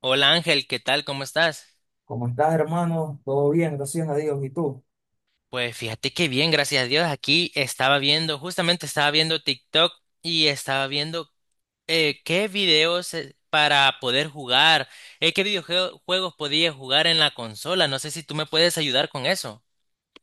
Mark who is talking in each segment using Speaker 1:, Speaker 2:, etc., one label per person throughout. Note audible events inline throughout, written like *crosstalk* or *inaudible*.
Speaker 1: Hola Ángel, ¿qué tal? ¿Cómo estás?
Speaker 2: ¿Cómo estás, hermano? Todo bien, gracias a Dios. ¿Y tú?
Speaker 1: Pues fíjate que bien, gracias a Dios. Aquí estaba viendo, justamente estaba viendo TikTok y estaba viendo qué videos para poder jugar, qué videojuegos podía jugar en la consola. No sé si tú me puedes ayudar con eso.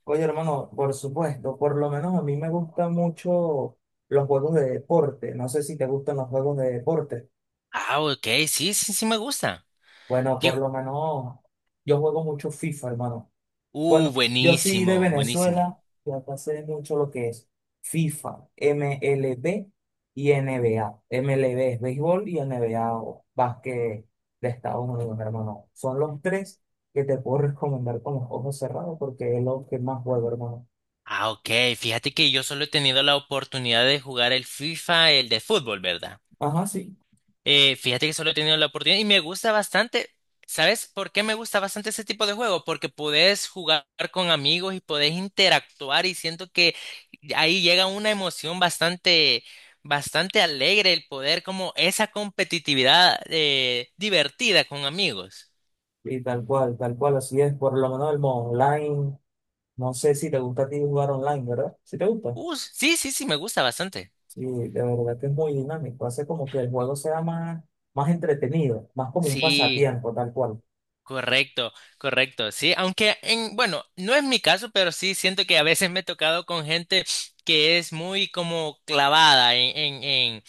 Speaker 2: Oye, hermano, por supuesto, por lo menos a mí me gustan mucho los juegos de deporte. No sé si te gustan los juegos de deporte.
Speaker 1: Ah, ok, sí, sí, sí me gusta.
Speaker 2: Bueno,
Speaker 1: ¿Qué
Speaker 2: por
Speaker 1: ju-
Speaker 2: lo menos yo juego mucho FIFA, hermano. Bueno, yo soy de
Speaker 1: Buenísimo, buenísimo.
Speaker 2: Venezuela y acá sé mucho lo que es FIFA, MLB y NBA. MLB es béisbol y NBA o básquet de Estados Unidos, hermano. Son los tres que te puedo *laughs* recomendar con los ojos cerrados porque es lo que más juego, hermano.
Speaker 1: Ah, ok, fíjate que yo solo he tenido la oportunidad de jugar el FIFA, el de fútbol, ¿verdad?
Speaker 2: Ajá, sí.
Speaker 1: Fíjate que solo he tenido la oportunidad y me gusta bastante. ¿Sabes por qué me gusta bastante ese tipo de juego? Porque podés jugar con amigos y podés interactuar y siento que ahí llega una emoción bastante alegre el poder como esa competitividad divertida con amigos.
Speaker 2: Y tal cual, así es. Por lo menos el modo online. No sé si te gusta a ti jugar online, ¿verdad? Si te gusta.
Speaker 1: Sí, sí, sí, me gusta bastante.
Speaker 2: Sí, de verdad que es muy dinámico, hace como que el juego sea más, más entretenido, más como un
Speaker 1: Sí.
Speaker 2: pasatiempo, tal cual.
Speaker 1: Correcto, correcto, sí, aunque bueno, no es mi caso, pero sí siento que a veces me he tocado con gente que es muy como clavada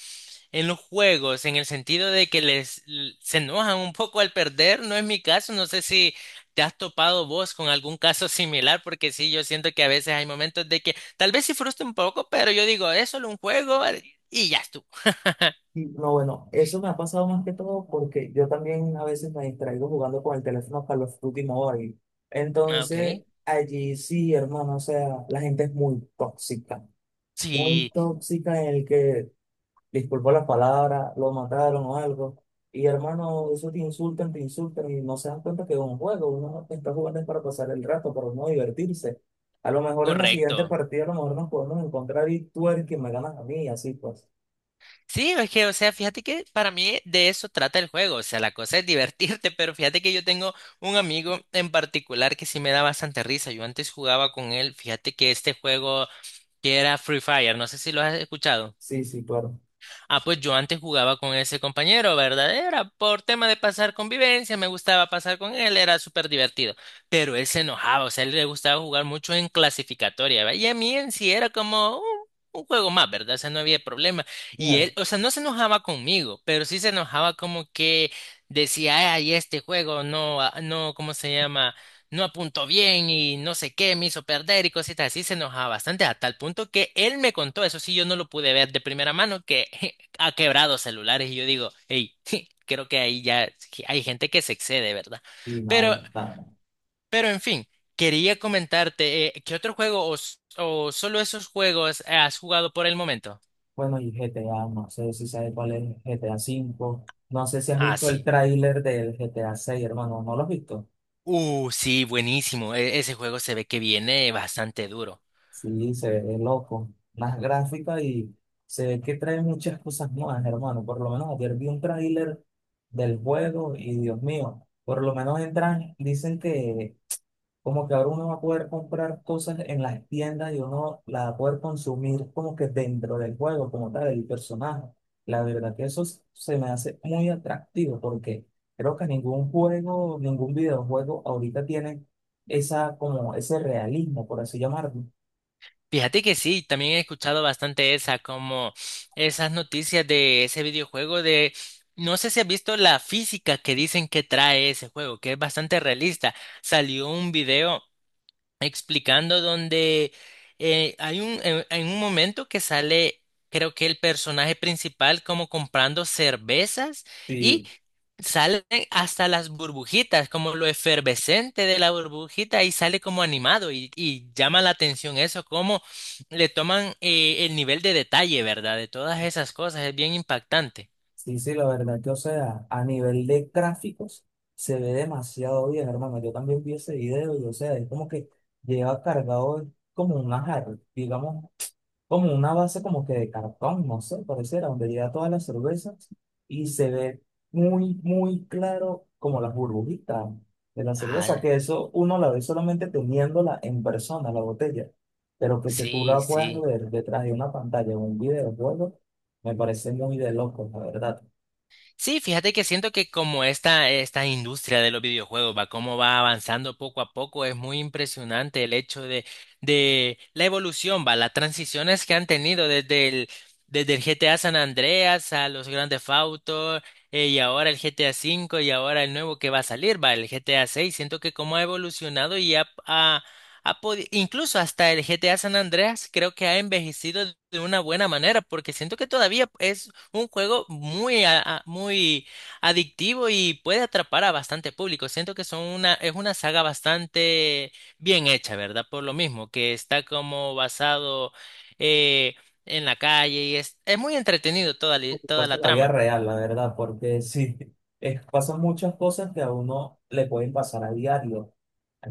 Speaker 1: en los juegos, en el sentido de que se enojan un poco al perder, no es mi caso, no sé si te has topado vos con algún caso similar, porque sí, yo siento que a veces hay momentos de que tal vez sí frustra un poco, pero yo digo, es solo un juego y ya estuvo.
Speaker 2: Y, no, bueno, eso me ha pasado más que todo porque yo también a veces me distraigo jugando con el teléfono Call of Duty Mobile.
Speaker 1: Ah,
Speaker 2: Entonces,
Speaker 1: ok,
Speaker 2: allí sí, hermano, o sea, la gente es muy
Speaker 1: sí,
Speaker 2: tóxica en el que disculpó las palabras, lo mataron o algo. Y hermano, eso te insultan y no se dan cuenta que es un juego. Uno está jugando es para pasar el rato, para no divertirse. A lo mejor en la siguiente
Speaker 1: correcto.
Speaker 2: partida, a lo mejor nos podemos encontrar y tú eres quien me ganas a mí, y así pues.
Speaker 1: Sí, es que, o sea, fíjate que para mí de eso trata el juego, o sea, la cosa es divertirte, *laughs* pero fíjate que yo tengo un amigo en particular que sí me da bastante risa, yo antes jugaba con él, fíjate que este juego que era Free Fire, no sé si lo has escuchado.
Speaker 2: Sí, sí, claro.
Speaker 1: Ah, pues yo antes jugaba con ese compañero, ¿verdad? Era por tema de pasar convivencia, me gustaba pasar con él, era súper divertido. Pero él se enojaba, o sea, a él le gustaba jugar mucho en clasificatoria, ¿va? Y a mí en sí era como un juego más, ¿verdad? O sea, no había problema. Y él,
Speaker 2: Claro.
Speaker 1: o sea, no se enojaba conmigo, pero sí se enojaba como que decía, ay, este juego no, ah, no, ¿cómo se llama? No apuntó bien y no sé qué, me hizo perder y cositas así, se enojaba bastante a tal punto que él me contó, eso sí, yo no lo pude ver de primera mano, que *laughs* ha quebrado celulares y yo digo, hey, *laughs* creo que ahí ya sí hay gente que se excede, ¿verdad?
Speaker 2: Y
Speaker 1: Pero,
Speaker 2: no, está.
Speaker 1: pero en fin, quería comentarte, ¿qué otro juego o solo esos juegos has jugado por el momento?
Speaker 2: Bueno, y GTA, no sé si sabes cuál es GTA V. No sé si has
Speaker 1: Ah,
Speaker 2: visto el
Speaker 1: sí.
Speaker 2: tráiler del GTA 6, hermano. ¿No lo has visto?
Speaker 1: Sí, buenísimo. Ese juego se ve que viene bastante duro.
Speaker 2: Sí, se ve loco. Las gráficas y se ve que trae muchas cosas nuevas, hermano. Por lo menos ayer vi un tráiler del juego y Dios mío, por lo menos entran, dicen que como que ahora uno va a poder comprar cosas en las tiendas y uno la va a poder consumir como que dentro del juego, como tal, el personaje. La verdad que eso se me hace muy atractivo porque creo que ningún juego, ningún videojuego ahorita tiene esa, como ese realismo, por así llamarlo.
Speaker 1: Fíjate que sí, también he escuchado bastante esa, como esas noticias de ese videojuego de, no sé si has visto la física que dicen que trae ese juego, que es bastante realista. Salió un video explicando donde hay un, en un momento que sale, creo que el personaje principal como comprando cervezas y salen hasta las burbujitas, como lo efervescente de la burbujita y sale como animado y llama la atención eso, cómo le toman el nivel de detalle, ¿verdad? De todas esas cosas, es bien impactante.
Speaker 2: Sí, sí, la verdad que, o sea, a nivel de gráficos se ve demasiado bien, hermano. Yo también vi ese video y, o sea, es como que lleva cargado como una jarra, digamos, como una base como que de cartón, no sé, pareciera, donde lleva todas las cervezas y se ve muy, muy claro como las burbujitas de la cerveza,
Speaker 1: Ah,
Speaker 2: que eso uno la ve solamente teniéndola en persona, la botella, pero que se tú
Speaker 1: sí,
Speaker 2: la puedas
Speaker 1: sí.
Speaker 2: ver detrás de una pantalla o un videojuego, me parece muy de loco, la verdad.
Speaker 1: Sí, fíjate que siento que como esta industria de los videojuegos va, cómo va avanzando poco a poco, es muy impresionante el hecho de la evolución, va, las transiciones que han tenido desde el GTA San Andreas a los grandes Theft Auto, y ahora el GTA 5 y ahora el nuevo que va a salir, va, el GTA 6. Siento que cómo ha evolucionado incluso hasta el GTA San Andreas creo que ha envejecido de una buena manera, porque siento que todavía es un juego muy, muy adictivo y puede atrapar a bastante público. Siento que es una saga bastante bien hecha, ¿verdad? Por lo mismo, que está como basado eh, en la calle y es muy entretenido
Speaker 2: Por
Speaker 1: toda
Speaker 2: supuesto,
Speaker 1: la
Speaker 2: la vida
Speaker 1: trama.
Speaker 2: real, la verdad, porque sí, *laughs* pasan muchas cosas que a uno le pueden pasar a diario.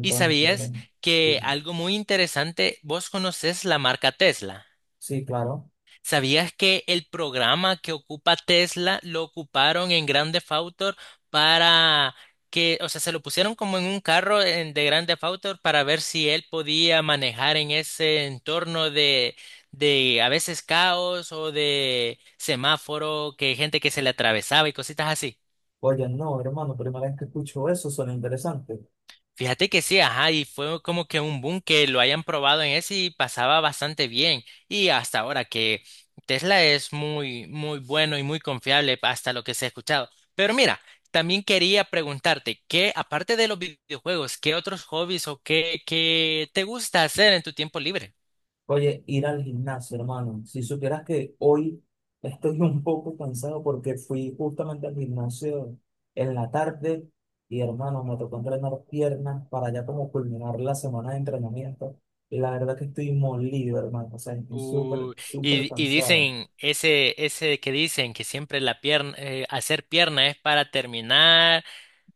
Speaker 1: ¿Y sabías
Speaker 2: bueno,
Speaker 1: que
Speaker 2: sí,
Speaker 1: algo muy interesante, vos conoces la marca Tesla?
Speaker 2: sí, claro.
Speaker 1: ¿Sabías que el programa que ocupa Tesla lo ocuparon en Grand Theft Auto para que, o sea, se lo pusieron como en un carro de Grand Theft Auto para ver si él podía manejar en ese entorno de a veces caos o de semáforo, que gente que se le atravesaba y cositas así?
Speaker 2: Oye, no, hermano, primera vez que escucho eso, suena interesante.
Speaker 1: Fíjate que sí, ajá, y fue como que un boom que lo hayan probado en ese y pasaba bastante bien. Y hasta ahora que Tesla es muy, muy bueno y muy confiable hasta lo que se ha escuchado. Pero mira, también quería preguntarte que aparte de los videojuegos, ¿qué otros hobbies o qué te gusta hacer en tu tiempo libre?
Speaker 2: Oye, ir al gimnasio, hermano. Si supieras que hoy estoy *laughs* un poco cansado porque fui justamente al gimnasio en la tarde y, hermano, me tocó entrenar piernas para ya como culminar la semana de entrenamiento. Y la verdad que estoy molido, hermano. O sea, estoy súper,
Speaker 1: Uh,
Speaker 2: súper
Speaker 1: y
Speaker 2: cansado.
Speaker 1: dicen, ese que dicen que siempre la pierna, hacer pierna es para terminar.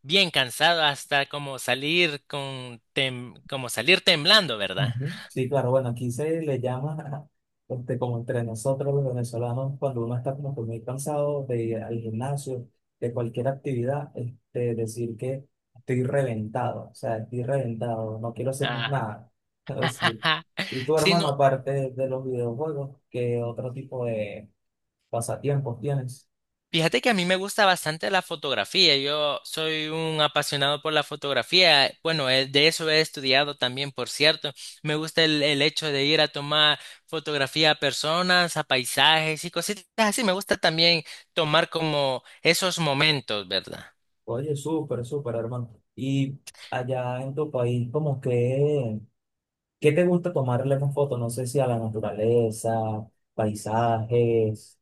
Speaker 1: Bien cansado hasta como salir como salir temblando, ¿verdad?
Speaker 2: Ujú. Sí, claro, bueno, aquí se le llama, *laughs* este, como entre nosotros los venezolanos, cuando uno está como que muy cansado de ir al gimnasio, de cualquier actividad, este, decir que estoy reventado, o sea, estoy reventado, no quiero hacer más
Speaker 1: Ah,
Speaker 2: nada. *laughs* Pero sí.
Speaker 1: ajá.
Speaker 2: Y tu
Speaker 1: Sí,
Speaker 2: hermano,
Speaker 1: no.
Speaker 2: aparte de los videojuegos, ¿qué otro tipo de pasatiempos tienes?
Speaker 1: Fíjate que a mí me gusta bastante la fotografía. Yo soy un apasionado por la fotografía. Bueno, de eso he estudiado también, por cierto. Me gusta el hecho de ir a tomar fotografía a personas, a paisajes y cositas así. Me gusta también tomar como esos momentos, ¿verdad?
Speaker 2: Oye, súper, súper, hermano. Y allá en tu país, como que... ¿Qué te gusta tomarle más fotos? No sé si a la naturaleza, paisajes,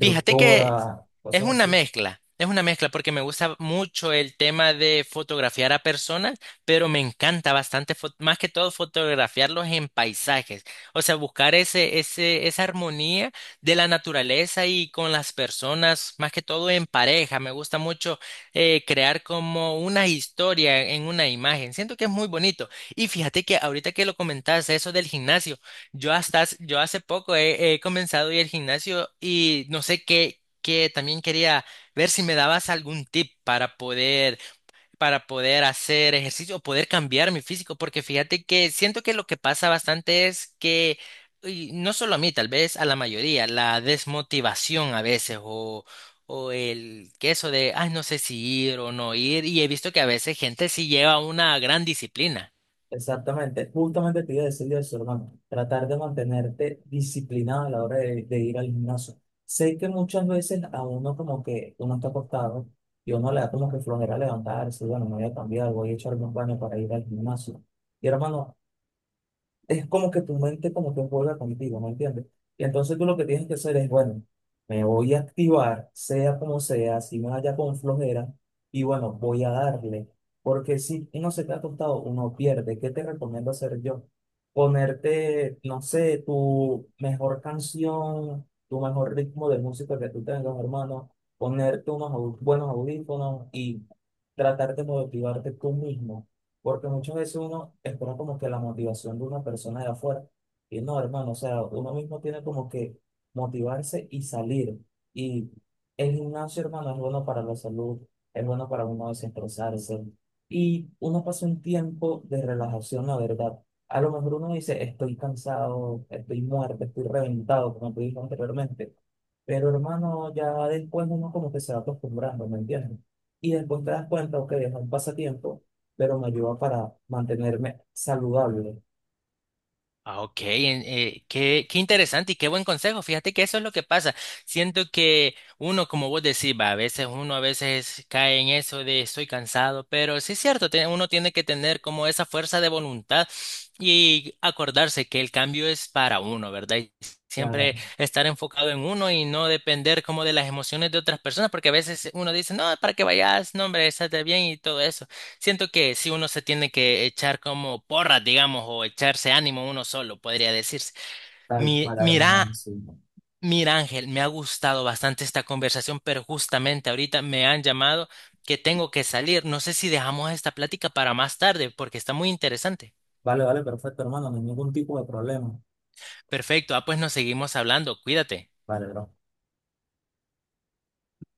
Speaker 1: Fíjate que
Speaker 2: cosas así.
Speaker 1: es una mezcla porque me gusta mucho el tema de fotografiar a personas, pero me encanta bastante, más que todo fotografiarlos en paisajes, o sea, buscar esa armonía de la naturaleza y con las personas, más que todo en pareja. Me gusta mucho crear como una historia en una imagen. Siento que es muy bonito. Y fíjate que ahorita que lo comentaste, eso del gimnasio. Yo yo hace poco he comenzado a ir al gimnasio y no sé qué, también quería ver si me dabas algún tip para poder, hacer ejercicio o poder cambiar mi físico, porque fíjate que siento que lo que pasa bastante es que, y no solo a mí, tal vez a la mayoría, la desmotivación a veces o el que eso de, ay, no sé si ir o no ir, y he visto que a veces gente sí lleva una gran disciplina.
Speaker 2: Exactamente, justamente te iba a decir eso, hermano. Tratar de mantenerte disciplinado a la hora de ir al gimnasio. Sé que muchas veces a uno como que uno está acostado y uno le da como que flojera levantarse, bueno, me voy a cambiar, voy a echarme un baño para ir al gimnasio. Y hermano, es como que tu mente como que juega contigo, ¿me entiendes? Y entonces tú lo que tienes que hacer es, bueno, me voy a activar, sea como sea, si me vaya con flojera, y bueno, voy a darle. Porque si uno se queda acostado, uno pierde. ¿Qué te recomiendo hacer yo? Ponerte, no sé, tu mejor canción, tu mejor ritmo de música que tú tengas, hermano. Ponerte unos buenos audífonos y tratar de motivarte tú mismo porque muchas veces uno espera como que la motivación de una persona de afuera. Y no, hermano, o sea, uno mismo tiene como que motivarse y salir. Y el gimnasio, hermano, es bueno para la salud, es bueno para uno desestresarse. Y uno pasa un tiempo de relajación, la verdad. A lo mejor uno dice, estoy cansado, estoy muerto, estoy reventado, como te dije anteriormente. Pero hermano, ya después uno como que se va acostumbrando, ¿me entiendes? Y después te das cuenta, ok, es un pasatiempo pero me ayuda para mantenerme saludable.
Speaker 1: Ah, ok, qué interesante y qué buen consejo. Fíjate que eso es lo que pasa. Siento que uno, como vos decís, va, a veces uno a veces cae en eso de estoy cansado, pero sí es cierto, uno tiene que tener como esa fuerza de voluntad y acordarse que el cambio es para uno, ¿verdad? Y
Speaker 2: Claro,
Speaker 1: siempre estar enfocado en uno y no depender como de las emociones de otras personas, porque a veces uno dice, no, para que vayas, no, hombre, estate bien y todo eso. Siento que si uno se tiene que echar como porras, digamos, o echarse ánimo uno solo, podría decirse.
Speaker 2: tal
Speaker 1: Mi,
Speaker 2: cual,
Speaker 1: mira,
Speaker 2: hermano. Sí.
Speaker 1: mira Ángel, me ha gustado bastante esta conversación, pero justamente ahorita me han llamado que tengo que salir. No sé si dejamos esta plática para más tarde, porque está muy interesante.
Speaker 2: Vale, vale, perfecto, hermano, no hay ningún tipo de problema.
Speaker 1: Perfecto, ah, pues nos seguimos hablando, cuídate.
Speaker 2: Vale, bro.